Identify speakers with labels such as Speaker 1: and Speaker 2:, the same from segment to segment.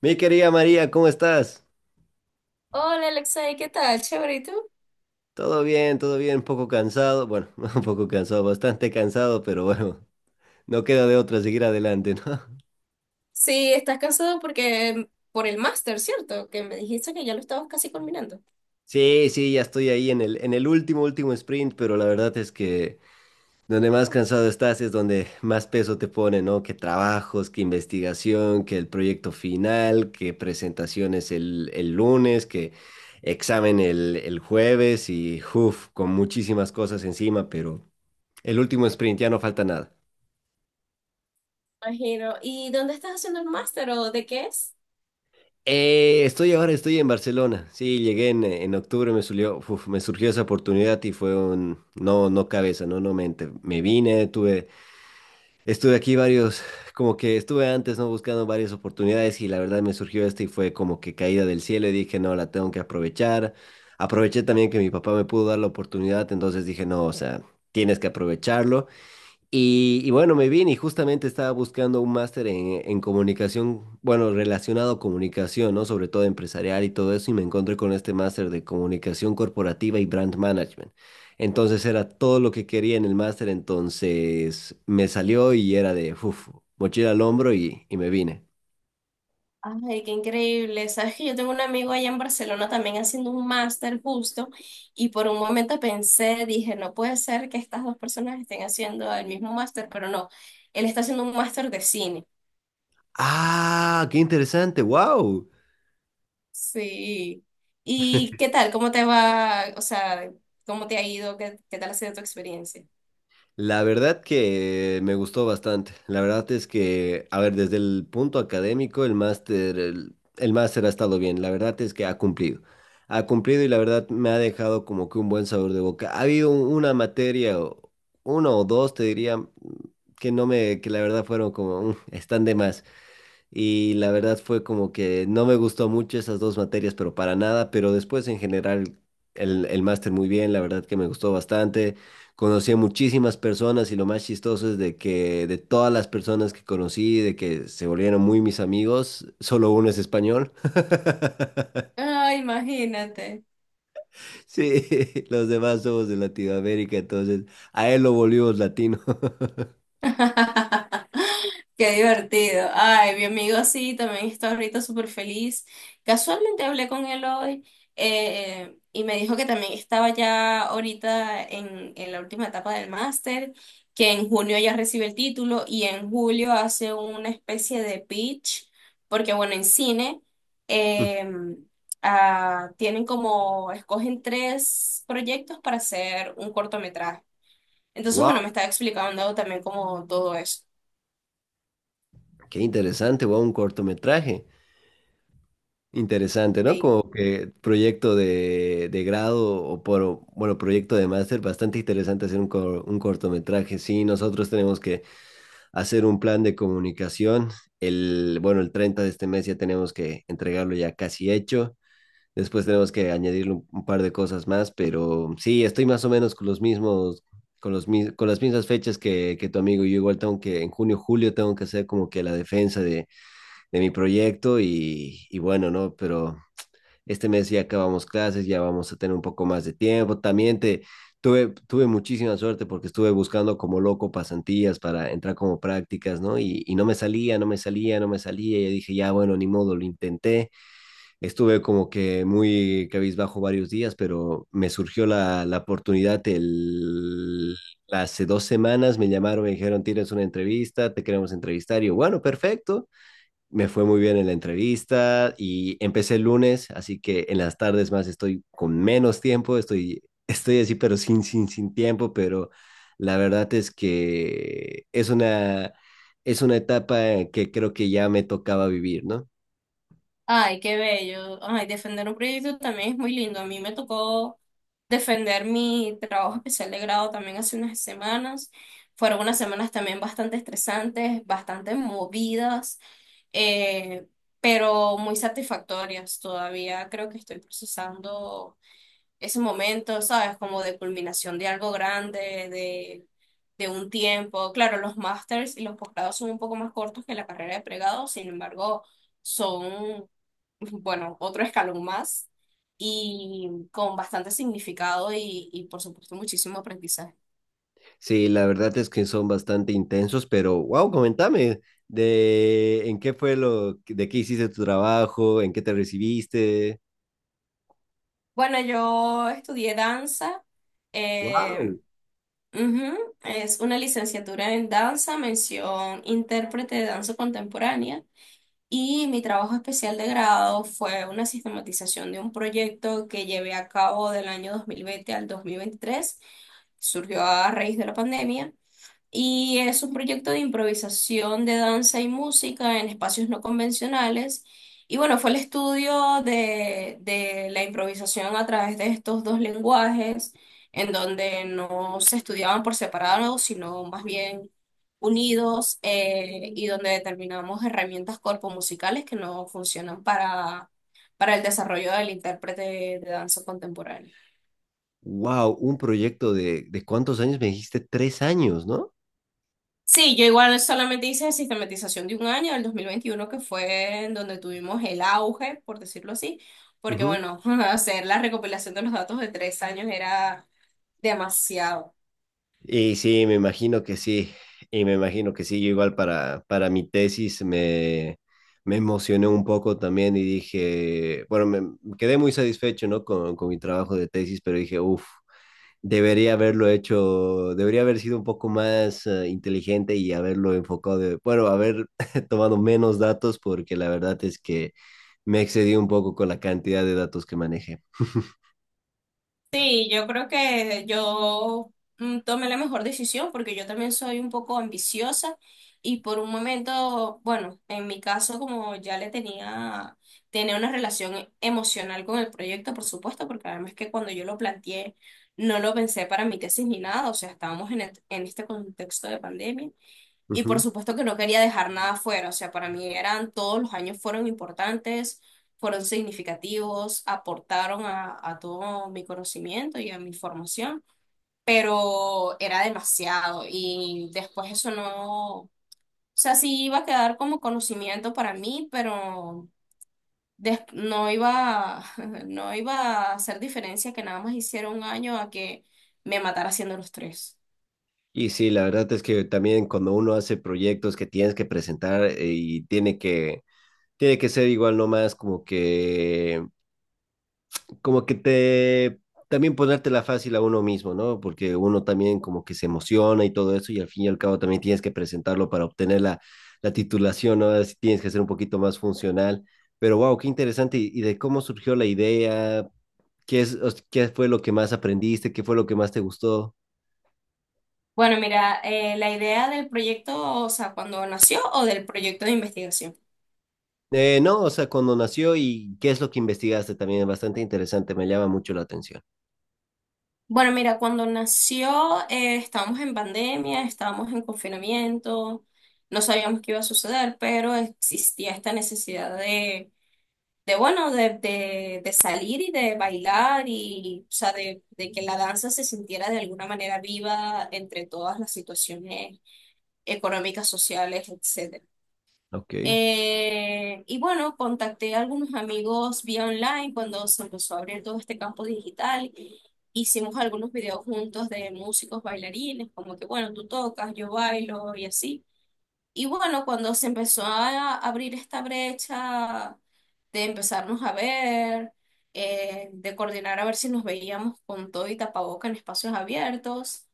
Speaker 1: Mi querida María, ¿cómo estás?
Speaker 2: Hola Alexei, ¿qué tal? Chévere, ¿y tú?
Speaker 1: Todo bien, un poco cansado, bueno, un poco cansado, bastante cansado, pero bueno, no queda de otra seguir adelante, ¿no?
Speaker 2: Sí, estás cansado porque por el máster, ¿cierto? Que me dijiste que ya lo estabas casi culminando.
Speaker 1: Sí, sí, ya estoy ahí en el último, último sprint, pero la verdad es que donde más cansado estás es donde más peso te pone, ¿no? Que trabajos, que investigación, que el proyecto final, que presentaciones el lunes, que examen el jueves y, uff, con muchísimas cosas encima, pero el último sprint, ya no falta nada.
Speaker 2: Imagino. ¿Y dónde estás haciendo el máster o de qué es?
Speaker 1: Estoy ahora, estoy en Barcelona. Sí, llegué en octubre, me surgió, uf, me surgió esa oportunidad y fue un no cabeza, no mente. Me vine, tuve, estuve aquí varios, como que estuve antes, ¿no? Buscando varias oportunidades y la verdad me surgió esta y fue como que caída del cielo y dije, no, la tengo que aprovechar. Aproveché también que mi papá me pudo dar la oportunidad, entonces dije, no, o sea, tienes que aprovecharlo. Y bueno, me vine y justamente estaba buscando un máster en comunicación, bueno, relacionado a comunicación, ¿no? Sobre todo empresarial y todo eso, y me encontré con este máster de comunicación corporativa y brand management. Entonces era todo lo que quería en el máster, entonces me salió y era de, uf, mochila al hombro y me vine.
Speaker 2: Ay, qué increíble. Sabes que yo tengo un amigo allá en Barcelona también haciendo un máster justo y por un momento pensé, dije, no puede ser que estas dos personas estén haciendo el mismo máster, pero no, él está haciendo un máster de cine.
Speaker 1: Ah, qué interesante, wow.
Speaker 2: Sí. ¿Y qué tal? ¿Cómo te va? O sea, ¿cómo te ha ido? ¿Qué, qué tal ha sido tu experiencia?
Speaker 1: La verdad que me gustó bastante. La verdad es que, a ver, desde el punto académico, el máster, el máster ha estado bien. La verdad es que ha cumplido. Ha cumplido y la verdad me ha dejado como que un buen sabor de boca. Ha habido una materia, uno o dos, te diría, que no me, que la verdad fueron como, "Mm, están de más". Y la verdad fue como que no me gustó mucho esas dos materias, pero para nada, pero después en general el máster muy bien, la verdad que me gustó bastante. Conocí a muchísimas personas y lo más chistoso es de que de todas las personas que conocí, de que se volvieron muy mis amigos, solo uno es español.
Speaker 2: Ay, imagínate.
Speaker 1: Sí, los demás somos de Latinoamérica, entonces a él lo volvimos latino.
Speaker 2: Qué divertido. Ay, mi amigo sí, también está ahorita súper feliz. Casualmente hablé con él hoy, y me dijo que también estaba ya ahorita en la última etapa del máster, que en junio ya recibe el título y en julio hace una especie de pitch, porque bueno, en cine, eh, tienen como, escogen tres proyectos para hacer un cortometraje. Entonces,
Speaker 1: Wow,
Speaker 2: bueno, me estaba explicando también como todo eso.
Speaker 1: qué interesante, wow, un cortometraje. Interesante, ¿no?
Speaker 2: Sí.
Speaker 1: Como que proyecto de grado bueno, proyecto de máster, bastante interesante hacer un cortometraje. Sí, nosotros tenemos que hacer un plan de comunicación. El, bueno, el 30 de este mes ya tenemos que entregarlo ya casi hecho. Después tenemos que añadirle un par de cosas más, pero sí, estoy más o menos con los mismos, con las mismas fechas que tu amigo. Yo igual tengo que, en junio, julio, tengo que hacer como que la defensa de mi proyecto y bueno, ¿no? Pero este mes ya acabamos clases, ya vamos a tener un poco más de tiempo. También tuve muchísima suerte porque estuve buscando como loco pasantías para entrar como prácticas, ¿no? Y no me salía, no me salía, no me salía. Y dije, ya, bueno, ni modo, lo intenté. Estuve como que muy cabizbajo varios días, pero me surgió la oportunidad el... Hace 2 semanas me llamaron, me dijeron, tienes una entrevista, te queremos entrevistar. Y yo, bueno, perfecto, me fue muy bien en la entrevista y empecé el lunes, así que en las tardes más estoy con menos tiempo, estoy, estoy así, pero sin, sin, sin tiempo, pero la verdad es que es una etapa que creo que ya me tocaba vivir, ¿no?
Speaker 2: Ay, qué bello. Ay, defender un proyecto también es muy lindo. A mí me tocó defender mi trabajo especial de grado también hace unas semanas. Fueron unas semanas también bastante estresantes, bastante movidas, eh, pero muy satisfactorias todavía. Creo que estoy procesando ese momento, ¿sabes? Como de culminación de algo grande, de, de un tiempo. Claro, los másters y los posgrados son un poco más cortos que la carrera de pregrado, sin embargo, son, bueno, otro escalón más y con bastante significado y por supuesto, muchísimo aprendizaje.
Speaker 1: Sí, la verdad es que son bastante intensos, pero wow, comentame de en qué fue lo, de qué hiciste tu trabajo, en qué te recibiste.
Speaker 2: Bueno, yo estudié danza. eh,
Speaker 1: Wow,
Speaker 2: Ujú. Es una licenciatura en danza, mención intérprete de danza contemporánea. Y mi trabajo especial de grado fue una sistematización de un proyecto que llevé a cabo del año 2020 al 2023. Surgió a raíz de la pandemia y es un proyecto de improvisación de danza y música en espacios no convencionales. Y bueno, fue el estudio de la improvisación a través de estos dos lenguajes, en donde no se estudiaban por separado, sino más bien unidos, y donde determinamos herramientas corpomusicales que no funcionan para el desarrollo del intérprete de danza contemporánea.
Speaker 1: wow, un proyecto de cuántos años me dijiste, 3 años, ¿no?
Speaker 2: Sí, yo igual solamente hice sistematización de un año, el 2021, que fue en donde tuvimos el auge, por decirlo así, porque
Speaker 1: Ujú.
Speaker 2: bueno, hacer la recopilación de los datos de tres años era demasiado.
Speaker 1: Y sí, me imagino que sí, y me imagino que sí, yo igual para mi tesis me emocioné un poco también y dije, bueno, me quedé muy satisfecho, ¿no? Con mi trabajo de tesis, pero dije, uff, debería haberlo hecho, debería haber sido un poco más inteligente y haberlo enfocado, de, bueno, haber tomado menos datos porque la verdad es que me excedí un poco con la cantidad de datos que manejé.
Speaker 2: Sí, yo creo que yo, tomé la mejor decisión porque yo también soy un poco ambiciosa y por un momento, bueno, en mi caso como ya le tenía, tenía una relación emocional con el proyecto, por supuesto, porque además que cuando yo lo planteé no lo pensé para mi tesis ni nada, o sea, estábamos en, en este contexto de pandemia. Y por
Speaker 1: Ujú.
Speaker 2: supuesto que no quería dejar nada fuera, o sea, para mí eran todos los años fueron importantes, fueron significativos, aportaron a todo mi conocimiento y a mi formación, pero era demasiado y después eso no, o sea, sí iba a quedar como conocimiento para mí, pero no iba, no iba a hacer diferencia que nada más hiciera un año a que me matara haciendo los tres.
Speaker 1: Y sí, la verdad es que también cuando uno hace proyectos que tienes que presentar y tiene que ser igual nomás como que te, también ponértela fácil a uno mismo, ¿no? Porque uno también como que se emociona y todo eso y al fin y al cabo también tienes que presentarlo para obtener la titulación, ¿no? Así tienes que ser un poquito más funcional. Pero wow, qué interesante. Y de cómo surgió la idea? ¿Qué es, o sea, qué fue lo que más aprendiste? ¿Qué fue lo que más te gustó?
Speaker 2: Bueno, mira, la idea del proyecto, o sea, cuando nació o del proyecto de investigación.
Speaker 1: No, o sea, cuando nació y qué es lo que investigaste también es bastante interesante, me llama mucho la atención.
Speaker 2: Bueno, mira, cuando nació, estábamos en pandemia, estábamos en confinamiento, no sabíamos qué iba a suceder, pero existía esta necesidad de bueno, de salir y de bailar y, o sea, de que la danza se sintiera de alguna manera viva entre todas las situaciones económicas, sociales, etc.
Speaker 1: Ok.
Speaker 2: Y bueno, contacté a algunos amigos vía online cuando se empezó a abrir todo este campo digital. Hicimos algunos videos juntos de músicos bailarines, como que bueno, tú tocas, yo bailo y así. Y bueno, cuando se empezó a abrir esta brecha de empezarnos a ver, de coordinar a ver si nos veíamos con todo y tapaboca en espacios abiertos,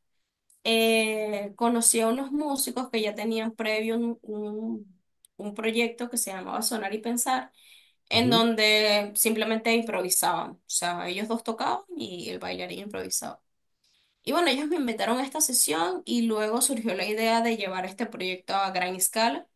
Speaker 2: conocí a unos músicos que ya tenían previo un proyecto que se llamaba Sonar y Pensar, en donde simplemente improvisaban. O sea, ellos dos tocaban y el bailarín improvisaba. Y bueno, ellos me invitaron a esta sesión y luego surgió la idea de llevar este proyecto a gran escala,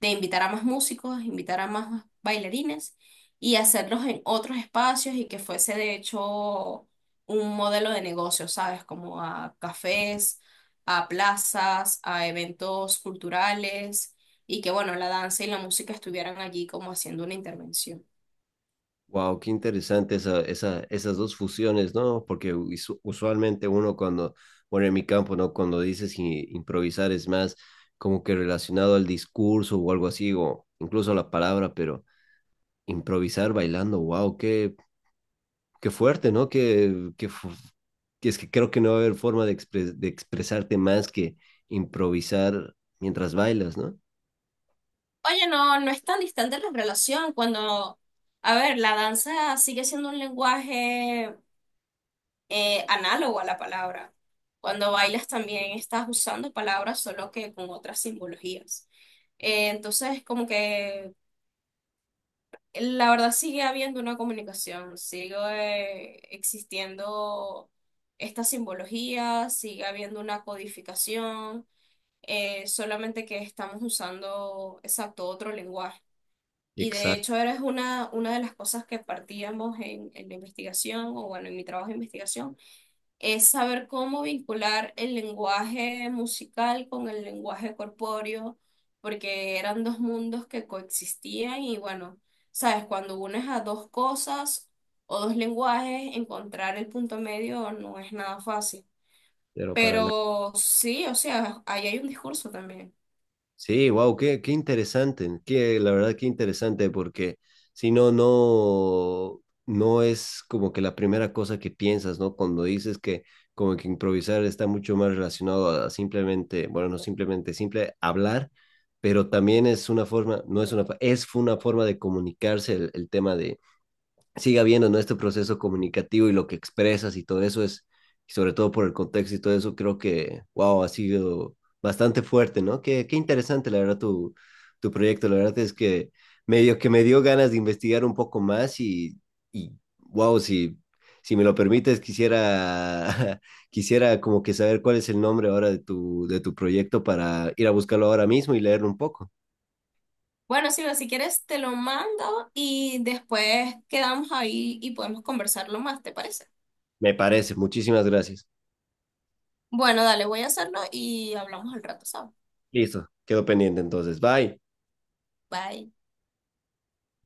Speaker 2: de invitar a más músicos, invitar a más bailarines y hacerlos en otros espacios y que fuese de hecho un modelo de negocio, ¿sabes? Como a cafés, a plazas, a eventos culturales y que bueno, la danza y la música estuvieran allí como haciendo una intervención.
Speaker 1: Wow, qué interesante esas dos fusiones, ¿no? Porque usualmente uno cuando, bueno, en mi campo, ¿no? Cuando dices improvisar es más como que relacionado al discurso o algo así, o incluso a la palabra, pero improvisar bailando, wow, qué fuerte, ¿no? Que es que creo que no va a haber forma de expresarte más que improvisar mientras bailas, ¿no?
Speaker 2: Oye, no, no es tan distante la relación cuando, a ver, la danza sigue siendo un lenguaje, análogo a la palabra. Cuando bailas también estás usando palabras, solo que con otras simbologías. Entonces, como que la verdad sigue habiendo una comunicación, sigue, existiendo esta simbología, sigue habiendo una codificación, solamente que estamos usando exacto otro lenguaje. Y de
Speaker 1: Exacto,
Speaker 2: hecho, era una de las cosas que partíamos en la investigación, o bueno, en mi trabajo de investigación, es saber cómo vincular el lenguaje musical con el lenguaje corpóreo, porque eran dos mundos que coexistían y bueno, sabes, cuando unes a dos cosas o dos lenguajes, encontrar el punto medio no es nada fácil.
Speaker 1: pero para nada.
Speaker 2: Pero sí, o sea, ahí hay un discurso también.
Speaker 1: Sí, wow, qué interesante, la verdad qué interesante, porque si no es como que la primera cosa que piensas, ¿no? Cuando dices que como que improvisar está mucho más relacionado a simplemente, bueno, no simple hablar, pero también es una forma, no es una forma de comunicarse el tema de, siga viendo, ¿no? Este proceso comunicativo y lo que expresas y todo eso es, y sobre todo por el contexto y todo eso, creo que, wow, ha sido bastante fuerte, ¿no? Qué, qué interesante, la verdad, tu proyecto. La verdad es que medio que me dio ganas de investigar un poco más y wow, si me lo permites, quisiera, quisiera como que saber cuál es el nombre ahora de tu, proyecto para ir a buscarlo ahora mismo y leerlo un poco.
Speaker 2: Bueno, Silvia, si quieres te lo mando y después quedamos ahí y podemos conversarlo más, ¿te parece?
Speaker 1: Me parece, muchísimas gracias.
Speaker 2: Bueno, dale, voy a hacerlo y hablamos al rato, ¿sabes?
Speaker 1: Listo, quedo pendiente entonces. Bye.
Speaker 2: Bye.